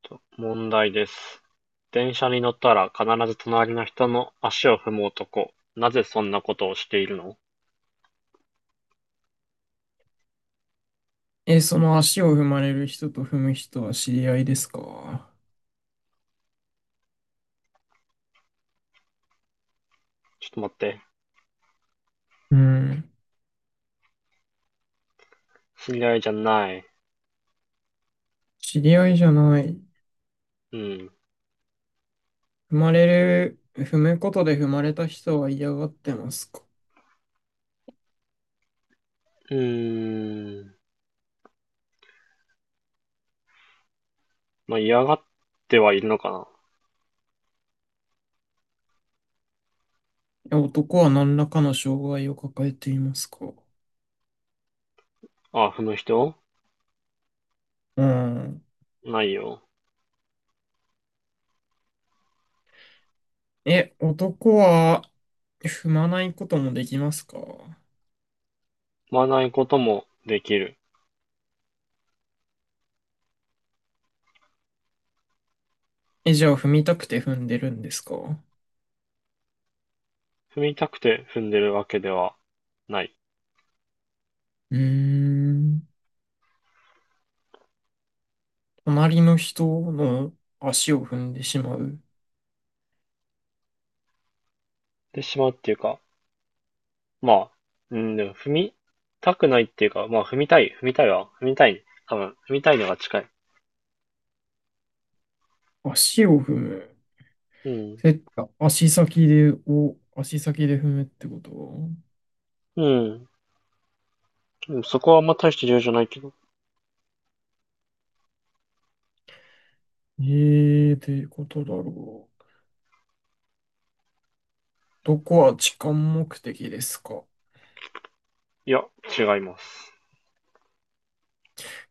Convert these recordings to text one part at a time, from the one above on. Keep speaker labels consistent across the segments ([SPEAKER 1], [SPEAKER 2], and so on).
[SPEAKER 1] と問題です。電車に乗ったら必ず隣の人の足を踏む男。なぜそんなことをしているの？
[SPEAKER 2] え、その足を踏まれる人と踏む人は知り合いですか？
[SPEAKER 1] ちょっと待って。
[SPEAKER 2] うん。
[SPEAKER 1] 知り合いじゃない。
[SPEAKER 2] 知り合いじゃない。
[SPEAKER 1] うん。
[SPEAKER 2] 踏まれる、踏むことで踏まれた人は嫌がってますか？
[SPEAKER 1] うーん。まあ、嫌がってはいるのかな。
[SPEAKER 2] え、男は何らかの障害を抱えていますか？
[SPEAKER 1] あ、踏む人
[SPEAKER 2] うん。
[SPEAKER 1] ないよ。
[SPEAKER 2] え、男は踏まないこともできますか？
[SPEAKER 1] 踏まないこともできる。
[SPEAKER 2] え、じゃあ踏みたくて踏んでるんですか？う
[SPEAKER 1] 踏みたくて踏んでるわけではない。
[SPEAKER 2] ーん。隣の人の足を踏んでしまう。
[SPEAKER 1] でしまうっていうか、まあ、うん、でも踏みたくないっていうか、まあ、踏みたい、踏みたいわ。踏みたい。多分、踏みたいのが近い。
[SPEAKER 2] 足を踏む。
[SPEAKER 1] うん。
[SPEAKER 2] え、足先で踏むってこと？
[SPEAKER 1] うん。うん、そこはあんま大して重要じゃないけど。
[SPEAKER 2] ええー、ってことだろう。どこは痴漢目的ですか？
[SPEAKER 1] いや、違います。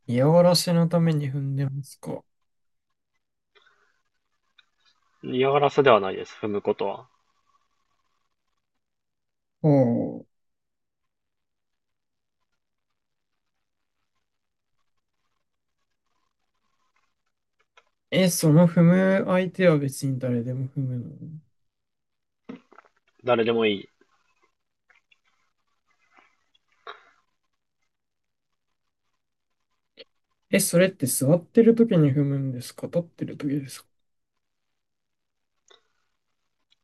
[SPEAKER 2] 嫌がらせのために踏んでますか？
[SPEAKER 1] 嫌がらせではないです、踏むことは。
[SPEAKER 2] おう。え、その踏む相手は別に誰でも踏むの？
[SPEAKER 1] 誰でもいい。
[SPEAKER 2] え、それって座ってる時に踏むんですか、立ってる時ですか？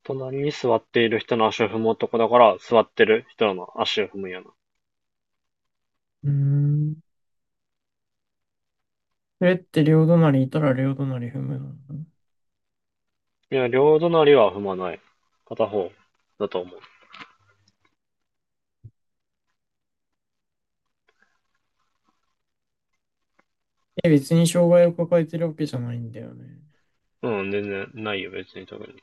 [SPEAKER 1] 隣に座っている人の足を踏む男だから、座ってる人の足を踏むやな。
[SPEAKER 2] うーん。それって両隣いたら両隣踏むの？
[SPEAKER 1] いや、両隣は踏まない。片方だと思
[SPEAKER 2] え、別に障害を抱えてるわけじゃないんだよね。
[SPEAKER 1] う。うん、全然ないよ、別に特に。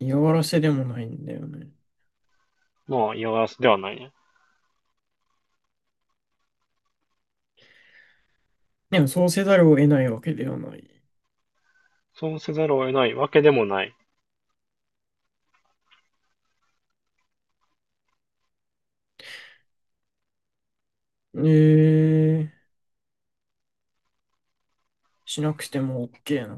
[SPEAKER 2] 嫌がらせでもないんだよね。
[SPEAKER 1] まあ、嫌がらせではないね。
[SPEAKER 2] でもそうせざるを得ないわけではない。
[SPEAKER 1] そうせざるを得ないわけでもない。
[SPEAKER 2] えー、しなくても OK な。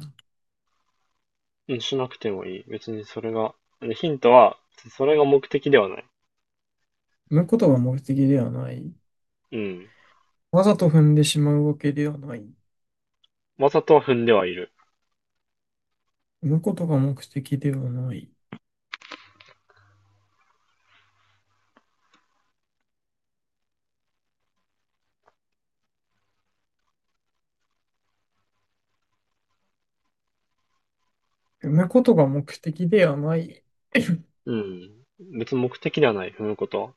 [SPEAKER 1] うん、しなくてもいい。別にそれが。ヒントは、それが目的ではない。
[SPEAKER 2] 産むことが目的ではない。
[SPEAKER 1] うん。
[SPEAKER 2] わざと踏んでしまうわけではない。
[SPEAKER 1] わざとは踏んではいる。
[SPEAKER 2] 産むことが目的ではない。産むことが目的ではない。
[SPEAKER 1] うん。別に目的ではない、踏むことは。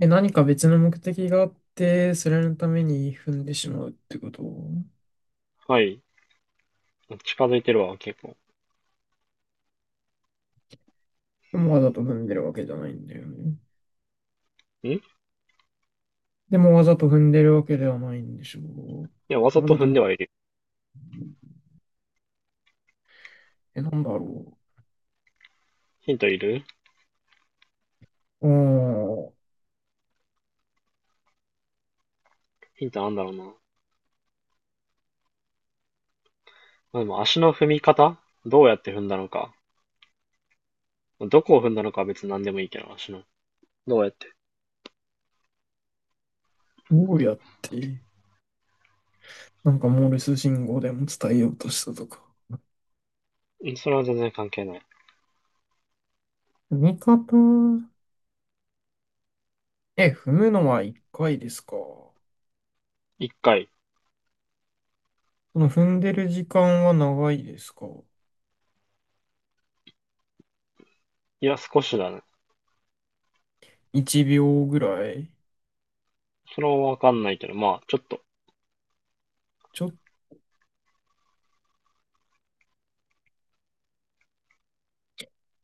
[SPEAKER 2] え、何か別の目的があって、それのために踏んでしまうってこと？
[SPEAKER 1] はい。近づいてるわ、結構。
[SPEAKER 2] でもわざと踏んでるわけじゃないんだよね。
[SPEAKER 1] んい
[SPEAKER 2] でもわざと踏んでるわけではないんでしょ
[SPEAKER 1] や、わ
[SPEAKER 2] う。
[SPEAKER 1] ざ
[SPEAKER 2] わ
[SPEAKER 1] と
[SPEAKER 2] ざ
[SPEAKER 1] 踏ん
[SPEAKER 2] と、
[SPEAKER 1] ではいる。
[SPEAKER 2] なんだろ
[SPEAKER 1] ヒントいる？
[SPEAKER 2] う。ああ、
[SPEAKER 1] ヒントなんだろうな。まあ、でも足の踏み方、どうやって踏んだのか。どこを踏んだのかは別に何でもいいけど、足の。どうやって。
[SPEAKER 2] どうやって。なんかモールス信号でも伝えようとしたとか。
[SPEAKER 1] うん、それは全然関係ない。
[SPEAKER 2] 踏み方、え、踏むのは1回ですか。
[SPEAKER 1] 一回。
[SPEAKER 2] その踏んでる時間は長いですか。
[SPEAKER 1] いや、少しだね。
[SPEAKER 2] 1秒ぐらい。
[SPEAKER 1] それはわかんないけど、まあ、ちょっと。
[SPEAKER 2] ちょっと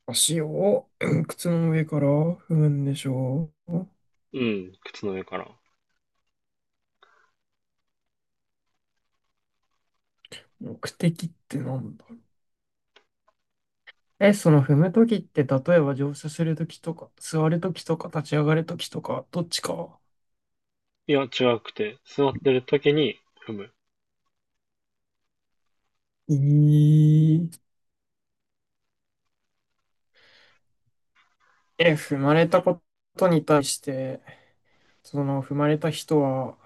[SPEAKER 2] 足を、うん、靴の上から踏むんでしょう。
[SPEAKER 1] うん、靴の上から。
[SPEAKER 2] 目的ってなんだろう。え、その踏むときって、例えば乗車するときとか、座るときとか、立ち上がるときとか、どっちか。
[SPEAKER 1] いや、違くて。座ってる時に踏む。
[SPEAKER 2] えー、え、踏まれたことに対して、その踏まれた人は、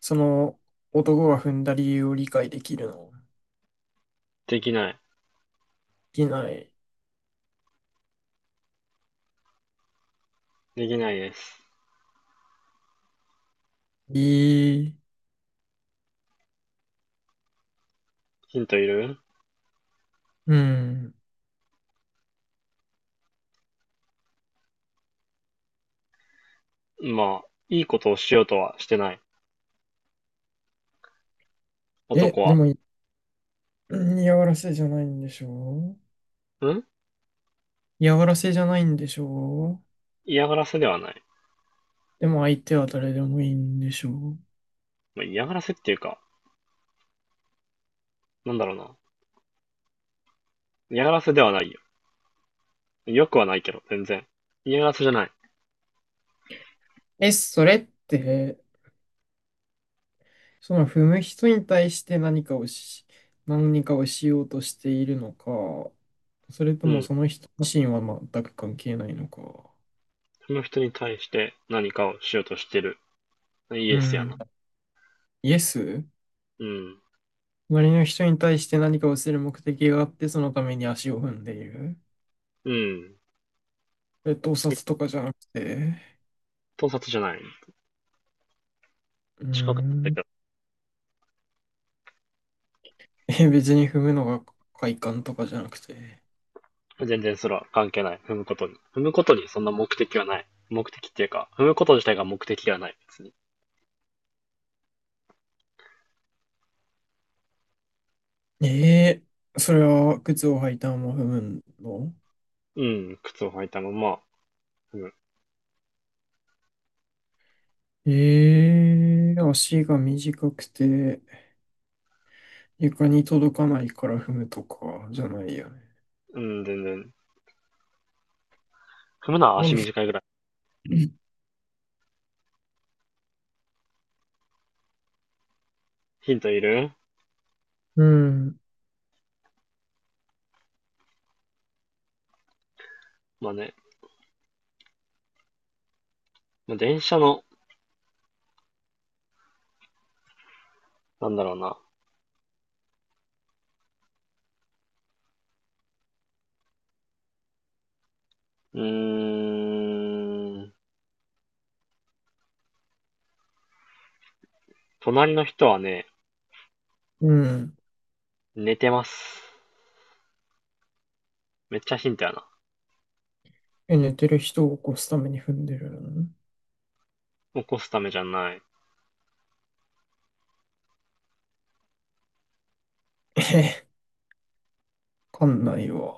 [SPEAKER 2] その男が踏んだ理由を理解できるの？
[SPEAKER 1] できない。
[SPEAKER 2] できない。
[SPEAKER 1] できないです。
[SPEAKER 2] ええ。
[SPEAKER 1] ヒントいる？
[SPEAKER 2] うん。
[SPEAKER 1] まあ、いいことをしようとはしてない。
[SPEAKER 2] え、
[SPEAKER 1] 男
[SPEAKER 2] で
[SPEAKER 1] は。
[SPEAKER 2] も、嫌がらせじゃないんでしょう？
[SPEAKER 1] ん、
[SPEAKER 2] 嫌がらせじゃないんでしょう？
[SPEAKER 1] 嫌がらせではない。
[SPEAKER 2] でも相手は誰でもいいんでしょう？
[SPEAKER 1] まあ、嫌がらせっていうか、なんだろうな。嫌がらせではないよ。よくはないけど、全然。嫌がらせじゃない。
[SPEAKER 2] え、それって、その踏む人に対して何かをし、何かをしようとしているのか、それと
[SPEAKER 1] う
[SPEAKER 2] も
[SPEAKER 1] ん。
[SPEAKER 2] その人自身は全く関係ないのか。
[SPEAKER 1] その人に対して何かをしようとしてる。イ
[SPEAKER 2] う
[SPEAKER 1] エスや
[SPEAKER 2] ん。
[SPEAKER 1] な。
[SPEAKER 2] イエス。
[SPEAKER 1] うん。
[SPEAKER 2] 隣の人に対して何かをする目的があって、そのために足を踏んでいる。
[SPEAKER 1] うん。
[SPEAKER 2] えっと、盗撮とかじゃなくて、
[SPEAKER 1] 盗撮じゃない。
[SPEAKER 2] うー
[SPEAKER 1] 近かった
[SPEAKER 2] ん、
[SPEAKER 1] け
[SPEAKER 2] え、別に踏むのが快感とかじゃなくて。
[SPEAKER 1] ど、全然それは関係ない。踏むことに。踏むことにそんな目的はない。目的っていうか、踏むこと自体が目的ではない、別に。
[SPEAKER 2] えー、それは靴を履いたまま踏むの？
[SPEAKER 1] うん、靴を履いたまま、踏む。
[SPEAKER 2] えー、足が短くて床に届かないから踏むとかじゃないよね。
[SPEAKER 1] うん、全然。踏むのは
[SPEAKER 2] な
[SPEAKER 1] 足
[SPEAKER 2] ん
[SPEAKER 1] 短いぐらい。ヒントいる？
[SPEAKER 2] うん、
[SPEAKER 1] まあね、まあ、電車の、なんだろうな、うーん。隣の人はね、
[SPEAKER 2] うん。
[SPEAKER 1] 寝てます。めっちゃヒントやな。
[SPEAKER 2] え、寝てる人を起こすために踏んでるの？
[SPEAKER 1] 起こすためじゃない。
[SPEAKER 2] え、わかんないわ。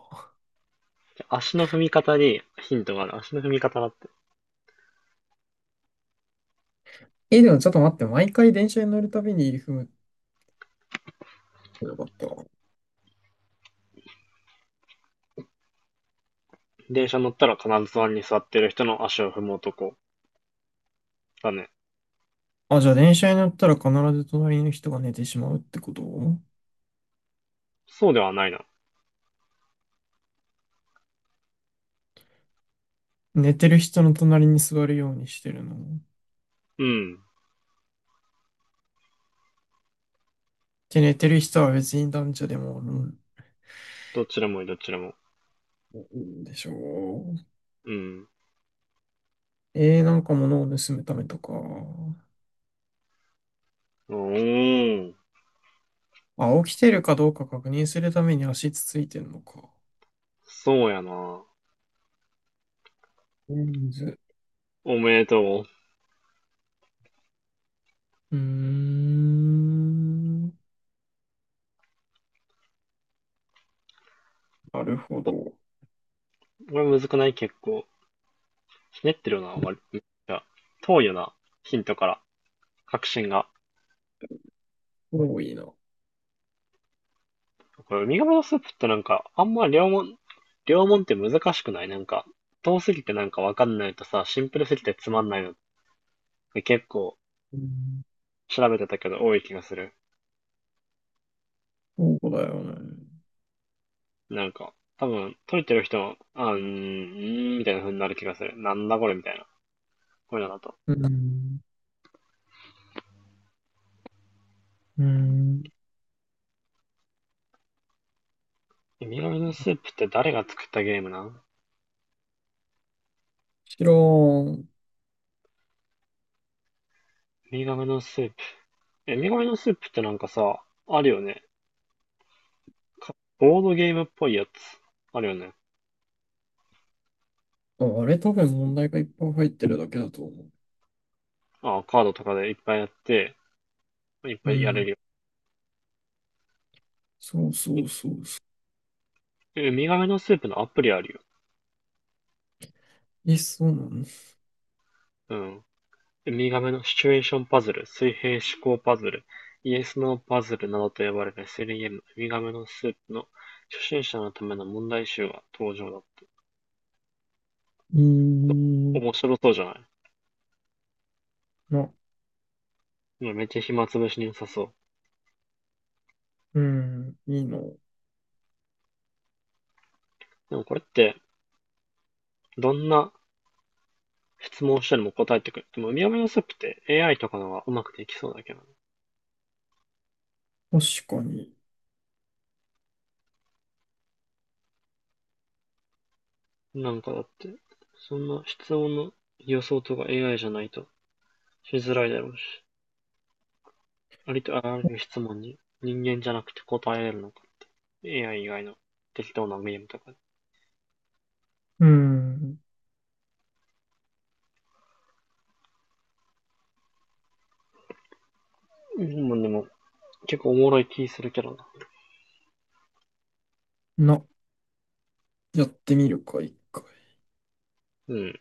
[SPEAKER 1] 足の踏み方にヒントがある。足の踏み方だって。
[SPEAKER 2] え、でもちょっと待って、毎回電車に乗るたびに踏むってよかったな。
[SPEAKER 1] 電車乗ったら必ず隣に座ってる人の足を踏む男。だね。
[SPEAKER 2] あ、じゃあ電車に乗ったら必ず隣の人が寝てしまうってこと？
[SPEAKER 1] そうではないな。
[SPEAKER 2] 寝てる人の隣に座るようにしてるの。
[SPEAKER 1] うん。
[SPEAKER 2] で、寝てる人は別に男女でもおるん、
[SPEAKER 1] どっちでもいい、どっちでも。
[SPEAKER 2] うんでしょう。
[SPEAKER 1] うん。
[SPEAKER 2] えー、なんか物を盗むためとか。
[SPEAKER 1] おー。
[SPEAKER 2] あ、起きてるかどうか確認するために足つついてんのか。
[SPEAKER 1] そうやな。
[SPEAKER 2] レンズ。
[SPEAKER 1] おめでとう。
[SPEAKER 2] うーん。なるほ
[SPEAKER 1] お、
[SPEAKER 2] ど。
[SPEAKER 1] これむずくない？結構。ひねってるよな、割と。いや、遠いよな。ヒントから。確信が。
[SPEAKER 2] 多いな。
[SPEAKER 1] これ、海鴨のスープってなんか、あんま両門、両門って難しくないなんか、遠すぎてなんかわかんないとさ、シンプルすぎてつまんないのって結構
[SPEAKER 2] うん、
[SPEAKER 1] 調べてたけど多い気がする。
[SPEAKER 2] そうだよね。
[SPEAKER 1] なんか、多分、解いてる人も、あー、みたいな風になる気がする。なんだこれみたいな。こういうのだと。
[SPEAKER 2] うん。うーん。
[SPEAKER 1] ウミガメのスープって誰が作ったゲームなん？ウ
[SPEAKER 2] 知らん。
[SPEAKER 1] ミガメのスープ。え、ウミガメのスープってなんかさ、あるよね。か、ボードゲームっぽいやつ。あるよね。
[SPEAKER 2] あ、あれ多分問題がいっぱい入ってるだけだと思
[SPEAKER 1] あー、カードとかでいっぱいやって、いっ
[SPEAKER 2] う。う
[SPEAKER 1] ぱいやれ
[SPEAKER 2] ん。
[SPEAKER 1] るよ。ウ
[SPEAKER 2] そうそうそうそ
[SPEAKER 1] え、ウミガメのスープのアプリあるよ。
[SPEAKER 2] う。え、そうなの？
[SPEAKER 1] うん。ウミガメのシチュエーションパズル、水平思考パズル、イエス・ノーパズルなどと呼ばれる SLEM、ウミガメのスープの初心者のための問題集が登場だっ
[SPEAKER 2] い
[SPEAKER 1] た。
[SPEAKER 2] い
[SPEAKER 1] 面白そうじゃない？
[SPEAKER 2] な。
[SPEAKER 1] うん、めっちゃ暇つぶしに良さそう。
[SPEAKER 2] うん。いいの。
[SPEAKER 1] でもこれって、どんな質問をしても答えてくれる。でも、ウミガメのスープって AI とかの方がうまくできそうだけどね。
[SPEAKER 2] 確かに。
[SPEAKER 1] なんかだって、そんな質問の予想とか AI じゃないとしづらいだろうし。ありとあらゆる質問に人間じゃなくて答えられるのか。AI 以外の適当なゲームとか。
[SPEAKER 2] うん。
[SPEAKER 1] うん、でも、結構おもろい気するけどな。
[SPEAKER 2] な。やってみるか、一回。
[SPEAKER 1] うん。